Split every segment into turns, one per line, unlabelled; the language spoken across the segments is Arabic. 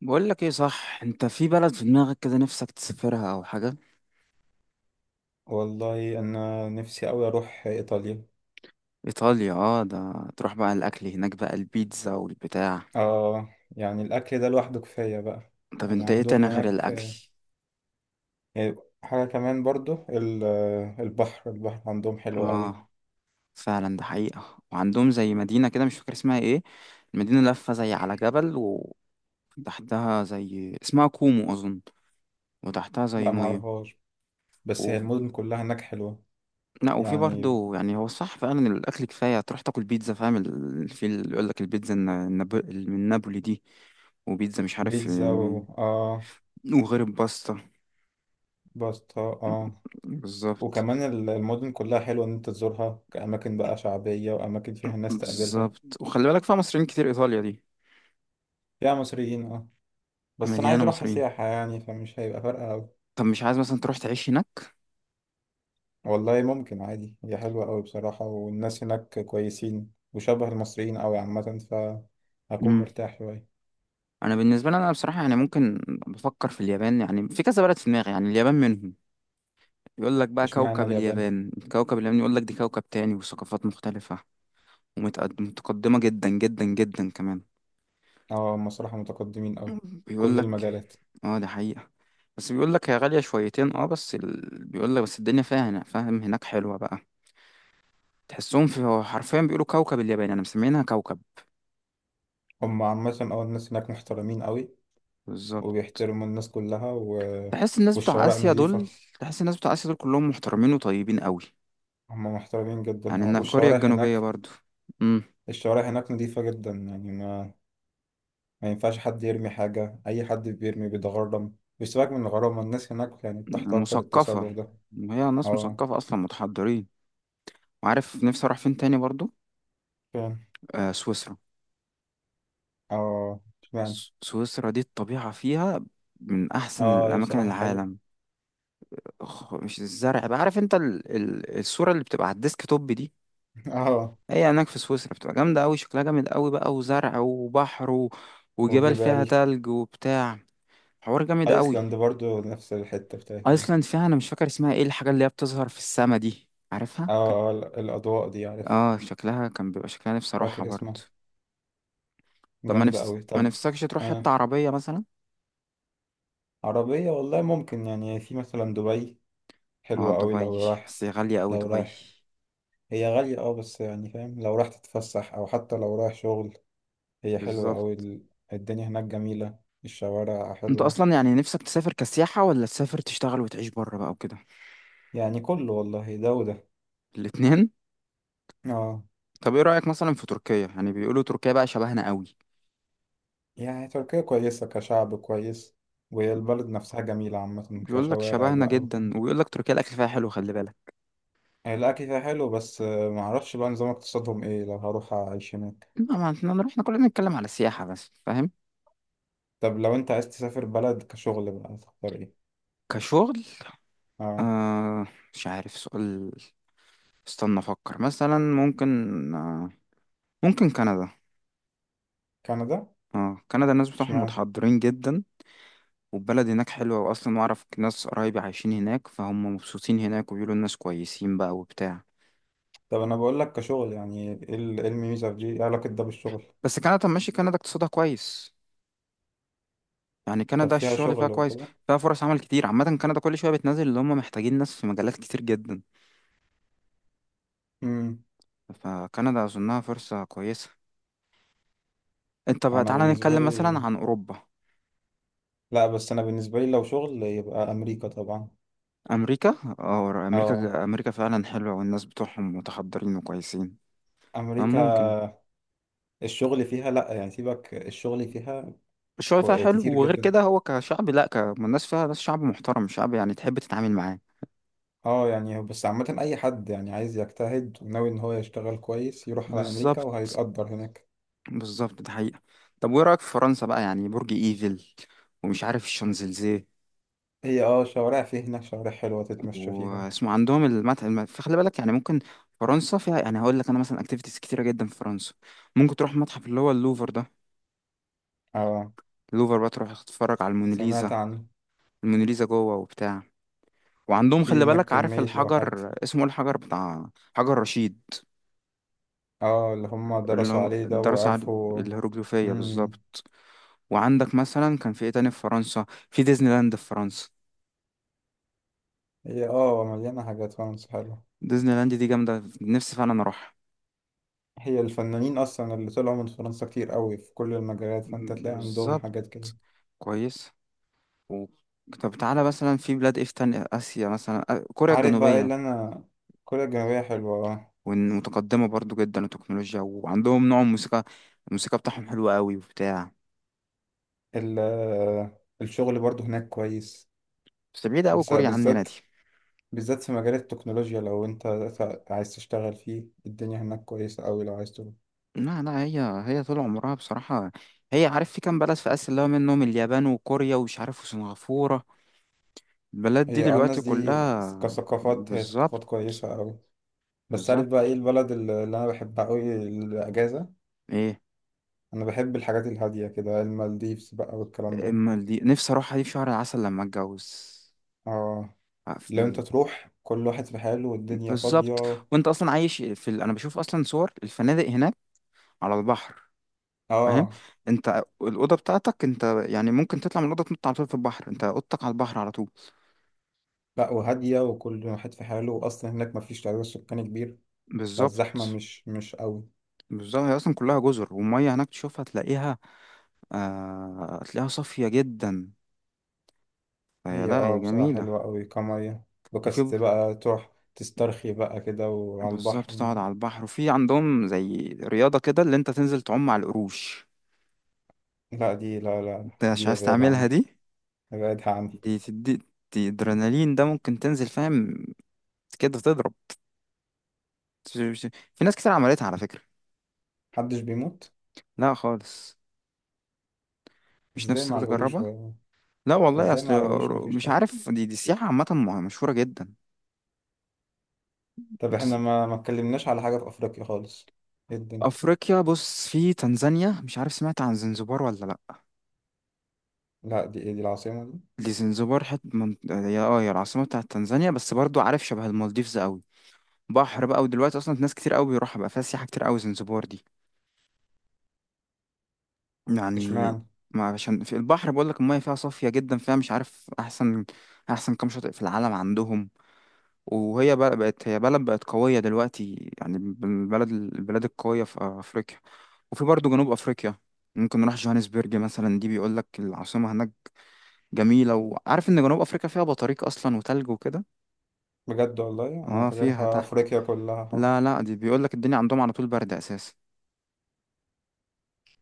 بقول لك ايه؟ صح، انت في بلد في دماغك كده نفسك تسافرها او حاجه؟
والله انا نفسي اوي اروح ايطاليا.
ايطاليا، اه، ده تروح بقى، الاكل هناك بقى البيتزا والبتاع.
اه. يعني الاكل ده لوحده كفايه بقى.
طب
يعني
انت ايه
عندهم
تاني غير
هناك.
الاكل؟
آه، حاجه كمان برضو البحر عندهم حلو قوي.
اه، فعلا ده حقيقه. وعندهم زي مدينه كده مش فاكر اسمها ايه. المدينه لفه زي على جبل، وتحتها زي اسمها كومو اظن، وتحتها زي
لا
ميه.
معرفهاش، بس
و...
هي المدن كلها هناك حلوه.
لا، وفي
يعني
برضه، يعني هو صح، فعلا الاكل كفايه تروح تاكل بيتزا، فاهم في اللي يقول لك البيتزا من نابولي دي، وبيتزا مش عارف،
بيتزا اه.
وغير الباستا.
باستا اه.
بالظبط.
وكمان المدن كلها حلوه ان انت تزورها كاماكن بقى شعبيه واماكن فيها الناس تقابلها.
بالظبط، وخلي بالك فيها مصريين كتير ايطاليا دي،
فيها مصريين اه. بس انا عايز
مليانه
اروحها
مصريين.
سياحه يعني فمش هيبقى فارقه أوي.
طب مش عايز مثلا تروح تعيش هناك؟
والله ممكن عادي، هي حلوة أوي بصراحة والناس هناك كويسين وشبه المصريين أوي عامة. فهكون
امم.
مرتاح شوية.
انا بالنسبه لي، انا بصراحه يعني ممكن. بفكر في اليابان. يعني في كذا بلد في دماغي، يعني اليابان منهم. يقول لك بقى
اشمعنى
كوكب
اليابان؟
اليابان، كوكب اليابان، يقول لك دي كوكب تاني وثقافات مختلفه، ومتقدمه جدا جدا جدا كمان.
اه، هم صراحة متقدمين أوي.
بيقول
كل
لك
المجالات.
اه دي حقيقه. بس بيقول لك هي غاليه شويتين، بس بيقول لك، بس الدنيا فيها، هنا فاهم، هناك حلوه بقى. تحسهم في، هو حرفيا بيقولوا كوكب اليابان، انا مسمينها كوكب.
هم عامة أه الناس هناك محترمين أوي
بالظبط.
وبيحترموا الناس كلها
تحس الناس بتوع
والشوارع
اسيا
نظيفة.
دول، تحس الناس بتوع اسيا دول كلهم محترمين وطيبين قوي.
هم محترمين جدا
يعني
اه.
ان كوريا
والشوارع
الجنوبيه
هناك
برضو. امم.
الشوارع هناك نظيفة جدا. يعني ما ينفعش حد يرمي حاجة. أي حد بيرمي بيتغرم بيسيبك من الغرامة. الناس هناك يعني بتحتقر التصرف
مثقفه.
ده.
وهي ناس
اه
مثقفه اصلا، متحضرين. وعارف نفسي اروح فين تاني برضو؟
فعلا.
آه، سويسرا.
اه. اشمعنى.
سويسرا دي الطبيعه فيها من احسن
اه هي
الاماكن
بصراحة حلو.
العالم. مش الزرع بقى؟ عارف انت الصوره اللي بتبقى على الديسك توب دي؟
اه.
هي هناك في سويسرا بتبقى جامدة أوي، شكلها جامد أوي بقى، وزرع وبحر وجبال فيها
والجبال.
تلج وبتاع. حوار جامد أوي.
ايسلاند برضو نفس الحتة بتاعتها دي.
أيسلاند فيها، أنا مش فاكر اسمها إيه، الحاجة اللي هي بتظهر في السما دي عارفها؟
اه اه الاضواء دي عارفها.
آه، شكلها كان بيبقى شكلها، نفسي أروحها
فاكر
برضه.
اسمها.
طب
جامدة اوي
ما
طب.
نفسكش تروح
آه.
حتة عربية مثلا؟
عربية والله ممكن. يعني في مثلا دبي
اه
حلوة اوي لو
دبي،
رايح.
بس هي غالية أوي
لو
دبي.
رايح هي غالية اه، بس يعني فاهم لو رايح تتفسح او حتى لو رايح شغل هي حلوة اوي.
بالظبط.
الدنيا هناك جميلة. الشوارع
أنت
حلوة.
أصلا يعني نفسك تسافر كسياحة، ولا تسافر تشتغل وتعيش بره بقى وكده؟
يعني كله والله ده وده.
الاتنين؟
اه.
طب إيه رأيك مثلا في تركيا؟ يعني بيقولوا تركيا بقى شبهنا أوي.
يعني تركيا كويسة كشعب كويس. والبلد نفسها جميلة عامة
بيقول لك
كشوارع
شبهنا
بقى
جدا،
وكده.
وبيقول لك تركيا الاكل فيها حلو، خلي بالك.
يعني الأكل فيها حلو، بس معرفش بقى نظام اقتصادهم إيه لو هروح أعيش هناك.
ما احنا نروح، احنا كلنا نتكلم على السياحه بس، فاهم.
طب لو أنت عايز تسافر بلد كشغل بقى تختار إيه؟
كشغل.
آه.
آه. مش عارف، سؤال. استنى افكر، مثلا ممكن. آه. ممكن كندا.
كندا؟
اه كندا الناس بتوعهم
اشمعنى؟
متحضرين جدا. والبلد هناك حلوه، واصلا واعرف ناس قرايبي عايشين هناك، فهم مبسوطين هناك، وبيقولوا الناس كويسين بقى وبتاع.
طب أنا بقول لك كشغل، يعني إيه إيه الميزة في دي؟ إيه علاقة ده بالشغل؟
بس كندا، طب ماشي، كندا اقتصادها كويس. يعني
طب
كندا
فيها
الشغل فيها
شغل
كويس.
وكده؟
فيها فرص عمل كتير. عامة كندا كل شوية بتنزل اللي هم محتاجين ناس في مجالات كتير جدا.
أمم.
فكندا أظنها فرصة كويسة. انت بقى
أنا
تعالى
بالنسبة
نتكلم مثلا
لي.
عن أوروبا.
لأ، بس أنا بالنسبة لي لو شغل يبقى أمريكا طبعا.
أمريكا، أو
آه.
أمريكا، أمريكا فعلا حلوة، والناس بتوعهم متحضرين وكويسين.
أمريكا.
فممكن.
الشغل فيها لأ، يعني سيبك الشغل فيها.
الشغل فيها حلو،
كتير
وغير
جدا.
كده هو كشعب، لأ، الناس فيها ناس، شعب محترم، شعب يعني تحب تتعامل معاه.
اه يعني بس عامة أي حد يعني عايز يجتهد وناوي إن هو يشتغل كويس يروح على أمريكا
بالظبط.
وهيتقدر هناك.
بالظبط ده حقيقة. طب وإيه رأيك في فرنسا بقى؟ يعني برج إيفل، ومش عارف الشانزليزيه،
هي اه شوارع في هناك، شوارع حلوة تتمشى فيها.
واسمه عندهم المتحف، فخلي بالك يعني ممكن. فرنسا فيها، يعني هقول لك أنا مثلا، أكتيفيتيز كتيرة جدا في فرنسا. ممكن تروح متحف اللي هو اللوفر ده.
اه
اللوفر بقى تروح تتفرج على الموناليزا.
سمعت عنه.
الموناليزا جوه وبتاع. وعندهم
في
خلي
هناك
بالك، عارف
كمية لوحات.
الحجر اسمه ايه، الحجر بتاع حجر رشيد؟
اه اللي هم
اللي
درسوا
هو
عليه ده
الدراسة على
وعرفوا.
الهيروغليفية
مم.
بالظبط. وعندك مثلا كان في ايه تاني في فرنسا؟ في ديزني لاند في فرنسا.
هي اه مليانة حاجات، فرنسا حلوة.
ديزني لاند دي جامدة، نفسي فعلا اروحها.
هي الفنانين أصلا اللي طلعوا من فرنسا كتير قوي في كل المجالات، فأنت تلاقي عندهم
بالظبط.
حاجات كده.
كويس. و... طب تعالى مثلا في بلاد ايه في تاني، آسيا مثلا، كوريا
عارف بقى إيه
الجنوبية.
اللي أنا. كوريا الجنوبية حلوة.
متقدمة برضو جدا التكنولوجيا، وعندهم نوع موسيقى، الموسيقى بتاعهم حلوة قوي وبتاع.
الشغل برضو هناك كويس.
بس بعيدة أوي كوريا عننا
بالذات،
دي.
بالذات في مجال التكنولوجيا لو انت عايز تشتغل فيه الدنيا هناك كويسة أوي لو عايز تروح.
لا لا، هي طول عمرها بصراحة. هي عارف في كام بلد في آسيا اللي هو منهم اليابان وكوريا ومش عارف وسنغافورة، البلد دي
هي اه الناس
دلوقتي
دي
كلها.
كثقافات، هي
بالظبط.
ثقافات كويسة أوي. بس عارف بقى ايه
بالظبط
البلد اللي أنا بحبها أوي، الأجازة.
ايه.
أنا بحب الحاجات الهادية كده، المالديفز بقى والكلام ده.
اما دي نفسي اروحها دي في شهر العسل لما اتجوز.
اه
ع-
لو
في-
انت تروح كل واحد في حاله والدنيا
بالظبط.
فاضية.
وانت اصلا عايش في انا بشوف اصلا صور الفنادق هناك على البحر، فاهم.
اه.
انت الاوضه بتاعتك انت، يعني ممكن تطلع من الاوضه تنط على طول في البحر، انت اوضتك على البحر على طول.
لا، وهادية وكل واحد في حاله وأصلا هناك مفيش تعداد سكاني كبير. فالزحمة
بالظبط.
مش قوي.
بالظبط، هي اصلا كلها جزر، والميه هناك تشوفها تلاقيها، آه، تلاقيها صافيه جدا. فهي
هي
لا،
اه
هي
بصراحة
جميله.
حلوة قوي كمية.
وفي
بكست
ب-
بقى تروح تسترخي بقى كده وعلى
بالظبط،
البحر.
تقعد على البحر، وفي عندهم زي رياضه كده اللي انت تنزل تعوم على القروش.
لا دي، لا لا
انت مش
دي
عايز
ابعدها
تعملها
عني.
دي؟
ابعدها عني.
دي تدي، دي ادرينالين ده، ممكن تنزل فاهم كده تضرب. في ناس كتير عملتها على فكره.
محدش بيموت.
لا خالص. مش
ازاي
نفسك
مع القروش
تجربها؟
و...
لا والله
ازاي
اصل.
مع القروش مفيش
مش
خطر.
عارف، دي سياحه عامه مشهوره جدا.
طب احنا ما اتكلمناش على حاجة في أفريقيا خالص. ايه الدنيا.
افريقيا بص، في تنزانيا، مش عارف سمعت عن زنزبار ولا لا؟
لا دي ايه، دي العاصمة دي.
دي زنزبار، هي العاصمه بتاعت تنزانيا، بس برضو عارف شبه المالديفز قوي، بحر بقى. ودلوقتي اصلا ناس كتير قوي بيروحها بقى، فيها سياحه كتير قوي زنزبار دي. يعني،
اشمعنى.
ما عشان في البحر بقول لك، الميه فيها صافيه جدا، فيها مش عارف احسن، احسن كام شاطئ في العالم عندهم. وهي بقى بقت، هي بلد بقت قويه دلوقتي، يعني من البلاد القويه في افريقيا. وفي برضو جنوب افريقيا، ممكن نروح جوهانسبرج مثلا، دي بيقول لك العاصمه هناك جميلة. وعارف ان جنوب افريقيا فيها بطاريق اصلا وتلج وكده.
بجد، والله أنا
اه فيها
فاكرها
تحت.
أفريقيا كلها حر.
لا لا، دي بيقول لك الدنيا عندهم على طول برد اساسا،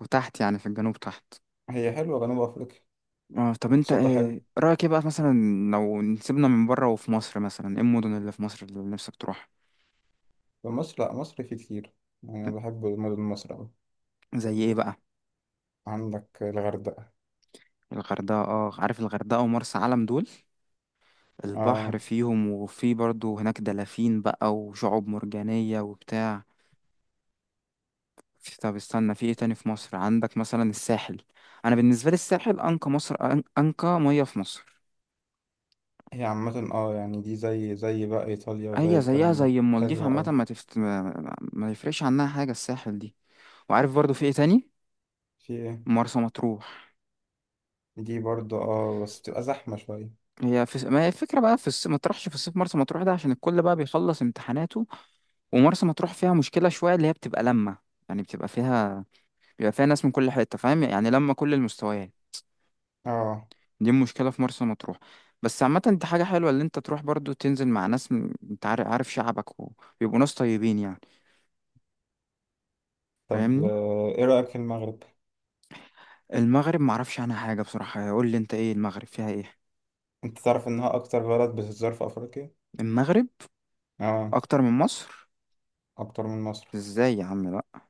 وتحت يعني في الجنوب تحت.
هي حلوة جنوب أفريقيا.
اه، طب انت
اقتصاد ده
ايه
حلو.
رأيك، ايه بقى مثلا لو نسيبنا من بره، وفي مصر مثلا ايه المدن اللي في مصر اللي نفسك تروح؟
في مصر لا، مصر فيه كتير. يعني انا بحب مدن مصر أوي.
زي ايه بقى؟
عندك الغردقة.
الغردقة، اه عارف الغردقة ومرسى علم دول، البحر
اه
فيهم، وفي برضو هناك دلافين بقى، وشعاب مرجانية وبتاع. طب استنى، في ايه تاني في مصر؟ عندك مثلا الساحل. انا بالنسبه لي الساحل انقى مصر، انقى ميه في مصر.
هي عامة اه، يعني دي زي بقى ايطاليا وزي
هي زيها
الكلام ده
زي المالديف
حلوة
عامه،
أوي.
ما تفت... ما ما يفرقش عنها حاجه الساحل دي. وعارف برضو في ايه تاني؟
في ايه.
مرسى مطروح.
دي برضه اه، بس تبقى زحمة شوية.
ما هي الفكره بقى، ما تروحش في الصيف مرسى مطروح ده عشان الكل بقى بيخلص امتحاناته. ومرسى مطروح فيها مشكله شويه، اللي هي بتبقى لما، يعني بتبقى فيها، بيبقى فيها ناس من كل حته، فاهم، يعني لما كل المستويات.
اه.
دي مشكلة في مرسى مطروح. بس عامة دي حاجة حلوة اللي انت تروح برضو تنزل مع ناس، انت عارف شعبك، وبيبقوا ناس طيبين يعني.
طب
فاهمني.
ايه رأيك في المغرب؟
المغرب معرفش عنها حاجة بصراحة، قول لي انت ايه المغرب فيها ايه؟
انت تعرف انها اكتر بلد بتتزار في افريقيا.
المغرب
اه
اكتر من مصر؟
اكتر من مصر.
ازاي يا عم، لا.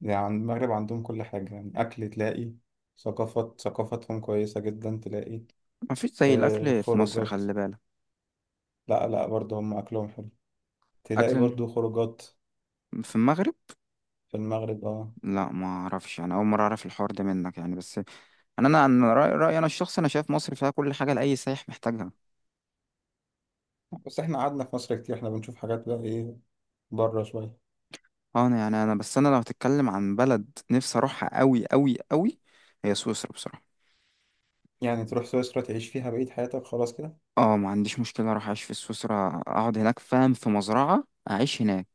يعني المغرب عندهم كل حاجة، يعني اكل تلاقي، ثقافات، ثقافتهم كويسة جدا تلاقي.
مفيش زي
آه
الاكل في مصر
خروجات.
خلي بالك.
لا لا، برضه هم أكلهم حلو. تلاقي
اكل الم-
برضو خروجات.
في المغرب.
في المغرب اه.
لا ما اعرفش، انا اول مرة اعرف الحوار ده منك يعني. بس انا انا أنا رأيي انا الشخصي، انا شايف مصر فيها كل حاجة لاي سايح محتاجها.
بس احنا قعدنا في مصر كتير، احنا بنشوف حاجات بقى، ايه، بره شوية.
اه انا يعني، انا بس، انا لو هتتكلم عن بلد نفسي اروحها قوي قوي قوي، هي سويسرا بصراحه.
يعني تروح سويسرا تعيش فيها بقية حياتك خلاص كده.
اه، ما عنديش مشكله اروح اعيش في سويسرا، اقعد هناك فاهم في مزرعه، اعيش هناك.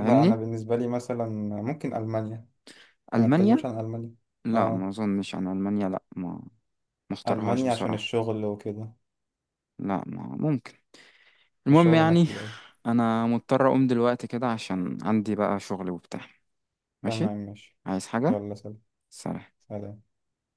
لا، انا بالنسبة لي مثلا ممكن ألمانيا. أنا ما اتكلمش
المانيا.
عن ألمانيا.
لا
اه.
ما اظنش عن المانيا، لا، ما اختارهاش
ألمانيا عشان
بصراحه.
الشغل وكده.
لا، ما ممكن. المهم
الشغل هناك
يعني
حلو أوي.
انا مضطر اقوم دلوقتي كده عشان عندي بقى شغل وبتاع. ماشي.
تمام ماشي.
عايز حاجه؟
يلا سلام.
سلام.
سلام.